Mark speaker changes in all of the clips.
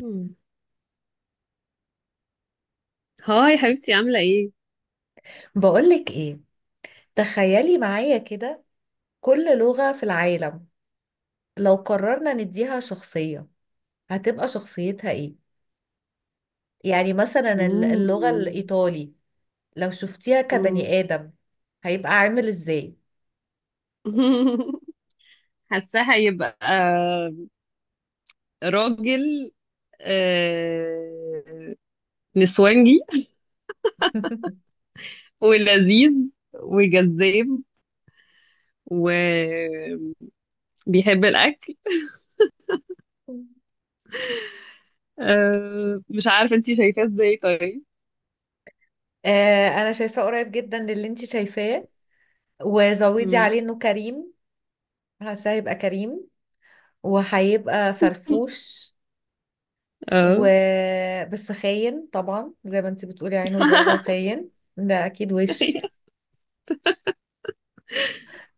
Speaker 1: مم. هاي حبيبتي عاملة ايه؟
Speaker 2: بقولك ايه، تخيلي معايا كده. كل لغة في العالم لو قررنا نديها شخصية، هتبقى شخصيتها ايه؟ يعني مثلا اللغة
Speaker 1: مم.
Speaker 2: الإيطالي، لو شفتيها
Speaker 1: مم.
Speaker 2: كبني آدم، هيبقى عامل ازاي؟
Speaker 1: حاساه هيبقى راجل، آه، نسوانجي. ولذيذ وجذاب وبيحب الأكل. مش عارفة انتي شايفاه ازاي طيب.
Speaker 2: آه، انا شايفاه قريب جدا للي انت شايفاه، وزودي
Speaker 1: مم.
Speaker 2: عليه انه كريم. حاسه هيبقى كريم وهيبقى فرفوش و
Speaker 1: اه.
Speaker 2: بس خاين طبعا، زي ما انت بتقولي عينه زيغه وخاين. ده اكيد وش.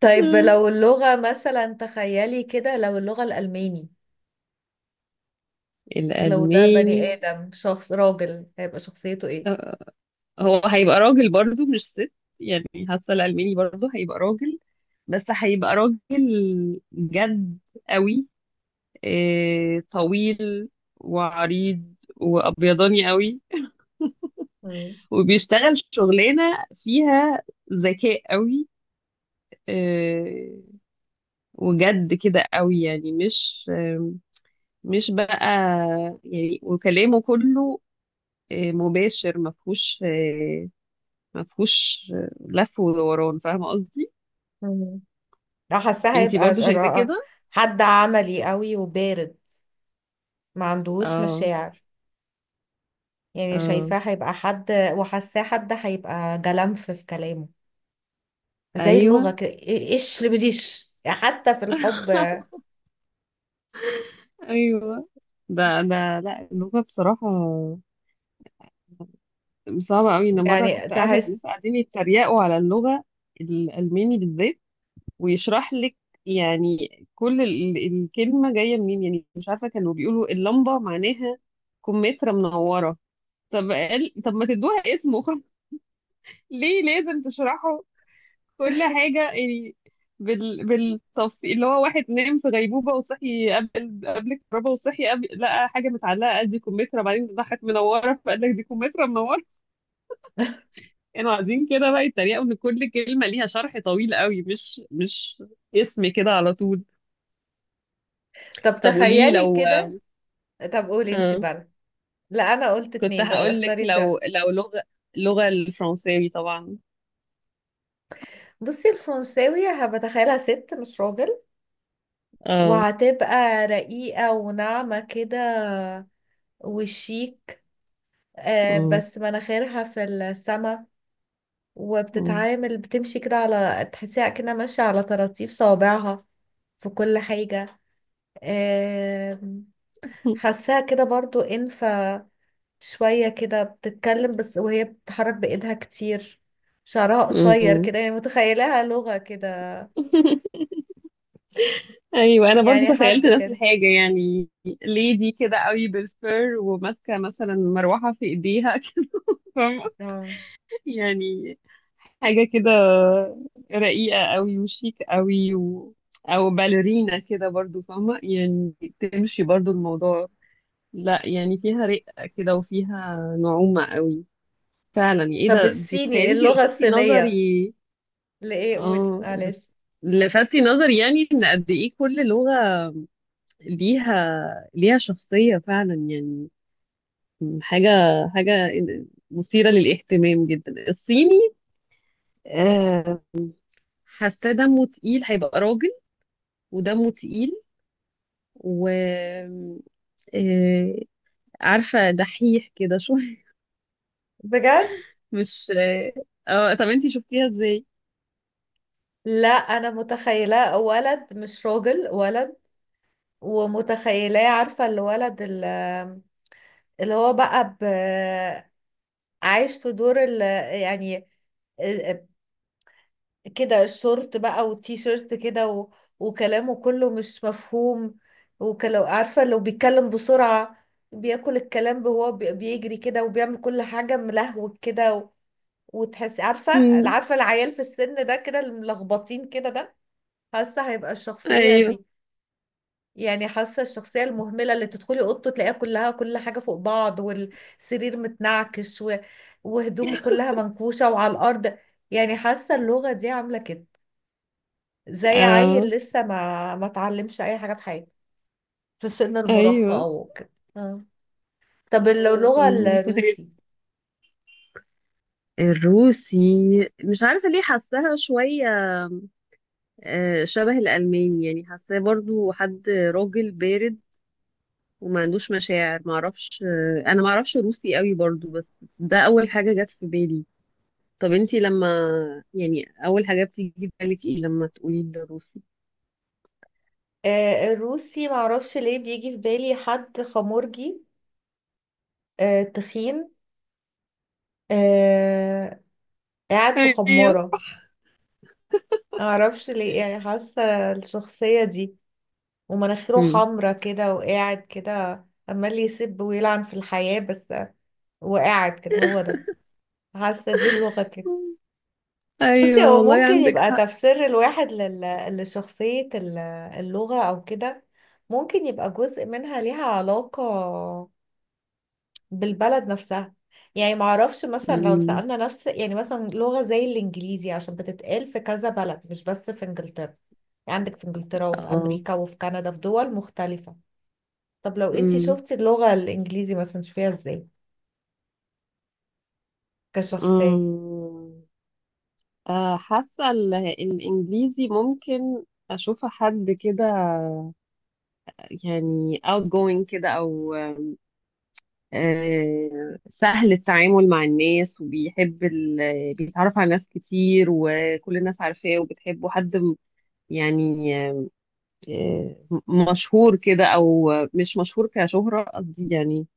Speaker 2: طيب، لو اللغة مثلا تخيلي كده، لو اللغة الألماني، لو ده بني
Speaker 1: الألماني
Speaker 2: آدم، شخص راجل، هيبقى شخصيته ايه؟
Speaker 1: آه. هو هيبقى راجل برضو مش ست، يعني حاسه الألماني برضو هيبقى راجل، بس هيبقى راجل جد قوي، طويل وعريض وأبيضاني قوي،
Speaker 2: مم.
Speaker 1: وبيشتغل شغلانة فيها ذكاء قوي. آه، وجد كده قوي، يعني مش بقى. يعني وكلامه كله مباشر، مفهوش لف ودوران. فاهمة قصدي؟
Speaker 2: مم. لو حاساه
Speaker 1: انتي
Speaker 2: هيبقى
Speaker 1: برضو شايفاه كده.
Speaker 2: حد عملي قوي وبارد، ما عندهوش
Speaker 1: اه.
Speaker 2: مشاعر. يعني
Speaker 1: اه.
Speaker 2: شايفاه هيبقى حد، وحاساه حد هيبقى جلمف في كلامه، زي
Speaker 1: ايوه.
Speaker 2: اللغة كده. ايش اللي بديش حتى في الحب.
Speaker 1: ايوه. ده لا، اللغه بصراحه صعبه قوي. انا مره
Speaker 2: يعني
Speaker 1: كنت قاعده مع
Speaker 2: تحس.
Speaker 1: ناس قاعدين يتريقوا على اللغه الالماني بالذات، ويشرح لك يعني كل الكلمه جايه منين. يعني مش عارفه، كانوا بيقولوا اللمبه معناها كمثرى منوره. طب قال، طب ما تدوها اسمه. ليه لازم تشرحه كل حاجة يعني بالتفصيل؟ اللي هو واحد نام في غيبوبة وصحي قبل الكهرباء، وصحي قبل، لقى حاجة متعلقة قال دي كمثرى، بعدين راحت منورة، فقال لك دي كمثرى منورة. كانوا قاعدين كده بقى يتريقوا إن كل كلمة ليها شرح طويل قوي، مش اسم كده على طول.
Speaker 2: طب
Speaker 1: طب قولي لي
Speaker 2: تخيلي
Speaker 1: لو
Speaker 2: كده. طب قولي انت
Speaker 1: آه.
Speaker 2: بقى. لا، انا قلت
Speaker 1: كنت
Speaker 2: اتنين، طب
Speaker 1: هقول لك
Speaker 2: اختاري انت.
Speaker 1: لو لغة، اللغة الفرنساوي طبعا.
Speaker 2: بصي الفرنساوي هبتخيلها ست مش راجل،
Speaker 1: اه.
Speaker 2: وهتبقى رقيقة وناعمة كده، وشيك،
Speaker 1: آه.
Speaker 2: بس مناخيرها في السما. وبتتعامل، بتمشي كده، على تحسيها كده ماشية على طراطيف صوابعها في كل حاجة. آم، حاساها كده برضو انفة شوية، كده بتتكلم بس وهي بتتحرك بإيدها كتير، شعرها قصير
Speaker 1: آه.
Speaker 2: كده، يعني متخيلها لغة كده.
Speaker 1: ايوه انا برضو
Speaker 2: يعني
Speaker 1: تخيلت
Speaker 2: حد
Speaker 1: نفس
Speaker 2: كده.
Speaker 1: الحاجه. يعني ليدي كده قوي بالفر، وماسكه مثلا مروحه في ايديها كده. فاهمة؟
Speaker 2: آه.
Speaker 1: يعني حاجه كده رقيقه قوي وشيك قوي او باليرينا كده برضو، فاهمه يعني تمشي برضو الموضوع. لا يعني فيها رقه كده، وفيها نعومه قوي فعلا. ايه
Speaker 2: طب
Speaker 1: ده، دي
Speaker 2: الصيني،
Speaker 1: تخيلي انتي
Speaker 2: اللغة
Speaker 1: لفتي
Speaker 2: الصينية،
Speaker 1: نظري.
Speaker 2: لإيه؟ قولي
Speaker 1: اه بس
Speaker 2: معلش.
Speaker 1: لفتي نظري يعني ان قد ايه كل لغه ليها شخصية فعلا يعني. حاجة حاجة مثيرة للاهتمام جدا. الصيني آه، حاسة دمه تقيل، هيبقى راجل ودمه تقيل، و آه، عارفة دحيح كده شوية.
Speaker 2: بجد.
Speaker 1: مش اه. طب انتي شفتيها ازاي؟
Speaker 2: لا، أنا متخيلاه ولد مش راجل، ولد. ومتخيلاه، عارفة الولد اللي هو بقى عايش في دور يعني كده الشورت بقى والتي شيرت كده وكلامه كله مش مفهوم، وكلو. عارفة، لو بيتكلم بسرعة بياكل الكلام، وهو بيجري كده وبيعمل كل حاجة ملهوج كده، وتحسي عارفة.
Speaker 1: مم،
Speaker 2: عارفة العيال في السن ده كده، الملخبطين كده ده، حاسة هيبقى الشخصية
Speaker 1: ايوه.
Speaker 2: دي. يعني حاسة الشخصية المهملة، اللي تدخلي أوضته تلاقيها كلها، كل حاجة فوق بعض والسرير متنعكش وهدومه كلها منكوشة وعلى الأرض. يعني حاسة اللغة دي عاملة كده، زي عيل
Speaker 1: اه.
Speaker 2: لسه ما اتعلمش أي حاجة في حياته، في سن المراهقة
Speaker 1: ايوه.
Speaker 2: أو كده. آه. طب
Speaker 1: آه.
Speaker 2: اللغة
Speaker 1: متخيل
Speaker 2: الروسي.
Speaker 1: الروسي. مش عارفة ليه حاساها شوية شبه الألماني، يعني حاساه برضو حد راجل بارد، وما عندوش مشاعر، معرفش. أنا معرفش روسي قوي برضو، بس ده أول حاجة جت في بالي. طب انتي لما، يعني أول حاجة بتيجي في بالك ايه لما تقولي الروسي؟
Speaker 2: الروسي معرفش ليه بيجي في بالي حد خمورجي، تخين، آه... قاعد في
Speaker 1: ايوه.
Speaker 2: خمارة. معرفش ليه، يعني حاسة الشخصية دي، ومناخيره
Speaker 1: مم.
Speaker 2: حمرا كده، وقاعد كده عمال يسب ويلعن في الحياة بس. وقاعد كده، هو ده. حاسة دي اللغة كده. بصي،
Speaker 1: ايوه
Speaker 2: هو
Speaker 1: والله
Speaker 2: ممكن
Speaker 1: عندك
Speaker 2: يبقى
Speaker 1: حق.
Speaker 2: تفسير الواحد لشخصية اللغة أو كده، ممكن يبقى جزء منها ليها علاقة بالبلد نفسها. يعني معرفش مثلا، لو
Speaker 1: مم.
Speaker 2: سألنا نفس، يعني مثلا لغة زي الإنجليزي عشان بتتقال في كذا بلد مش بس في إنجلترا. يعني عندك في إنجلترا وفي
Speaker 1: اه.
Speaker 2: أمريكا وفي كندا، في دول مختلفة. طب لو أنتي
Speaker 1: مم.
Speaker 2: شفتي اللغة الإنجليزي مثلا، تشوفيها إزاي كشخصية؟
Speaker 1: أمم، آه، حاسة الإنجليزي ممكن أشوف حد كده، يعني outgoing كده أو سهل التعامل مع الناس، وبيحب بيتعرف على ناس كتير، وكل الناس عارفاه وبتحبه، حد يعني آه، مشهور كده، او مش مشهور كشهرة قصدي يعني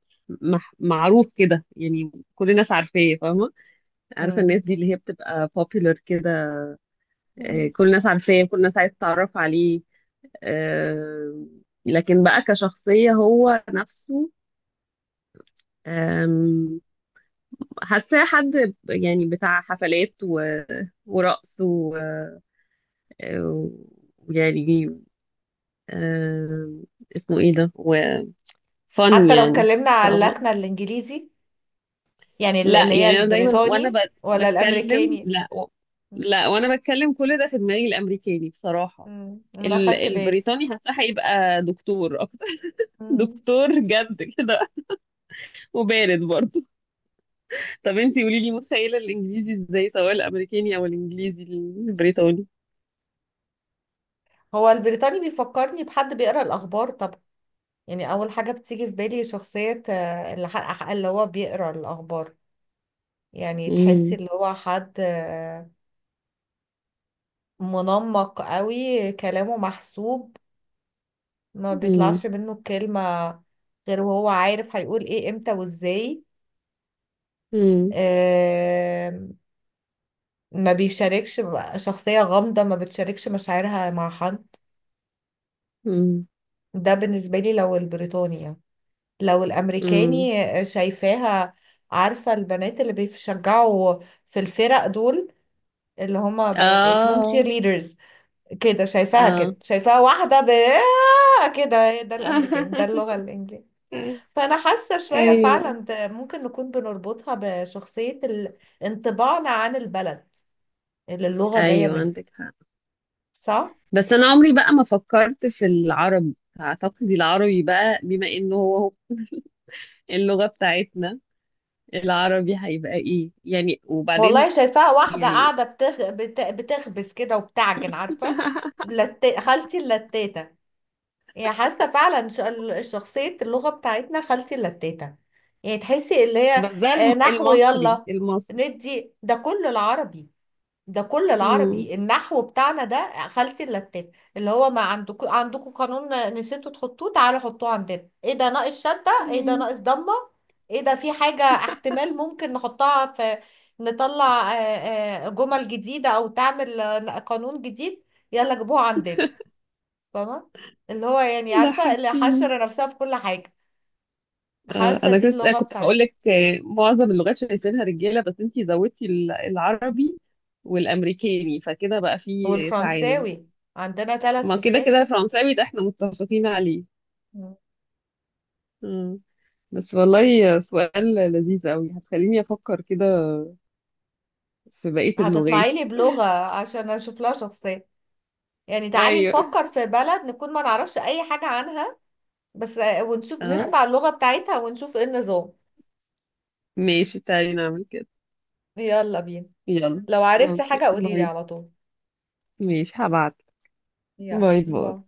Speaker 1: معروف كده، يعني كل الناس عارفاه فاهمة. عارفة
Speaker 2: مم.
Speaker 1: الناس دي اللي هي بتبقى popular كده.
Speaker 2: مم.
Speaker 1: كل الناس عارفاه، كل الناس عايزة تتعرف عليه، آه، لكن بقى كشخصية هو نفسه، حاساه حد يعني بتاع حفلات ورقص ويعني آه، اسمه ايه ده، وفن،
Speaker 2: حتى لو
Speaker 1: يعني،
Speaker 2: اتكلمنا على
Speaker 1: فاهمة.
Speaker 2: اللكنة الإنجليزي، يعني اللي
Speaker 1: لا
Speaker 2: هي
Speaker 1: يعني انا دايما وانا
Speaker 2: البريطاني ولا
Speaker 1: بتكلم،
Speaker 2: الأمريكاني. مم.
Speaker 1: لا وانا بتكلم كل ده في دماغي الامريكاني، بصراحة.
Speaker 2: مم. أنا خدت بالي.
Speaker 1: البريطاني حاساه هيبقى دكتور اكتر.
Speaker 2: مم.
Speaker 1: دكتور جد كده، وبارد برضه. طب انتي قولي لي متخيلة الانجليزي ازاي، سواء الامريكاني او الانجليزي البريطاني.
Speaker 2: هو البريطاني بيفكرني بحد بيقرأ الأخبار طبعا. يعني اول حاجه بتيجي في بالي شخصيه اللي حق، اللي هو بيقرا الاخبار. يعني تحسي
Speaker 1: امم.
Speaker 2: اللي هو حد منمق قوي، كلامه محسوب، ما بيطلعش منه الكلمه غير وهو عارف هيقول ايه، امتى وازاي.
Speaker 1: امم.
Speaker 2: آه، ما بيشاركش شخصيه غامضه ما بتشاركش مشاعرها مع حد.
Speaker 1: امم.
Speaker 2: ده بالنسبه لي، لو البريطاني يعني. لو
Speaker 1: امم.
Speaker 2: الامريكاني، شايفاها، عارفه البنات اللي بيشجعوا في الفرق دول، اللي هما بيبقوا اسمهم تشير
Speaker 1: اه.
Speaker 2: ليدرز، كده شايفاها،
Speaker 1: اه.
Speaker 2: كده شايفاها واحدة ب آه كده. ده الأمريكاني، ده اللغة الإنجليزية. فأنا حاسة شوية
Speaker 1: ايوه.
Speaker 2: فعلا ده ممكن نكون بنربطها بشخصية انطباعنا عن البلد اللي اللغة جاية
Speaker 1: ايوه
Speaker 2: منها.
Speaker 1: عندك حق.
Speaker 2: صح؟
Speaker 1: بس انا عمري بقى ما فكرت في العربي. اعتقد العربي بقى بما انه هو اللغة بتاعتنا، العربي هيبقى ايه يعني،
Speaker 2: والله
Speaker 1: وبعدين
Speaker 2: شايفاها واحدة
Speaker 1: يعني.
Speaker 2: قاعدة بتخبز كده وبتعجن، عارفة. خالتي اللتاتة. يعني حاسه فعلا شخصيه اللغه بتاعتنا خالتي اللتاتة. يعني تحسي اللي
Speaker 1: بس
Speaker 2: هي
Speaker 1: ده
Speaker 2: نحو.
Speaker 1: المصري،
Speaker 2: يلا،
Speaker 1: المصري.
Speaker 2: ندي. ده كله العربي، ده كله
Speaker 1: امم.
Speaker 2: العربي، النحو بتاعنا ده خالتي اللتاتة، اللي هو ما عندكم، عندكم قانون نسيتوا تحطوه، تعالوا حطوه عندنا. ايه ده؟ ناقص شده. ايه ده؟
Speaker 1: امم.
Speaker 2: ناقص ضمه. ايه ده؟ في حاجه احتمال ممكن نحطها في، نطلع جمل جديده، او تعمل قانون جديد، يلا جيبوها عندنا. فاهمة؟ اللي هو يعني، عارفة، اللي
Speaker 1: ضحكتيني.
Speaker 2: حشر نفسها في كل حاجة. حاسة
Speaker 1: انا
Speaker 2: دي
Speaker 1: كنت
Speaker 2: اللغة
Speaker 1: كنت هقول
Speaker 2: بتاعتنا.
Speaker 1: لك معظم اللغات شايفينها رجاله، بس انتي زودتي العربي والامريكاني، فكده بقى في تعادل.
Speaker 2: والفرنساوي، عندنا ثلاث
Speaker 1: ما كده
Speaker 2: ستات.
Speaker 1: كده الفرنساوي ده احنا متفقين عليه.
Speaker 2: مم.
Speaker 1: مم. بس والله سؤال لذيذ قوي، هتخليني افكر كده في بقيه اللغات.
Speaker 2: هتطلعي لي بلغة عشان اشوف لها شخصية. يعني تعالي
Speaker 1: ايوه.
Speaker 2: نفكر في بلد نكون ما نعرفش اي حاجة عنها، بس ونشوف،
Speaker 1: اه.
Speaker 2: نسمع اللغة بتاعتها ونشوف ايه النظام.
Speaker 1: ماشي، تعالي نعمل كده.
Speaker 2: يلا بينا.
Speaker 1: يلا.
Speaker 2: لو عرفتي حاجة
Speaker 1: اوكي
Speaker 2: قوليلي
Speaker 1: باي.
Speaker 2: على طول.
Speaker 1: ماشي هبعت.
Speaker 2: يلا،
Speaker 1: باي باي.
Speaker 2: باي.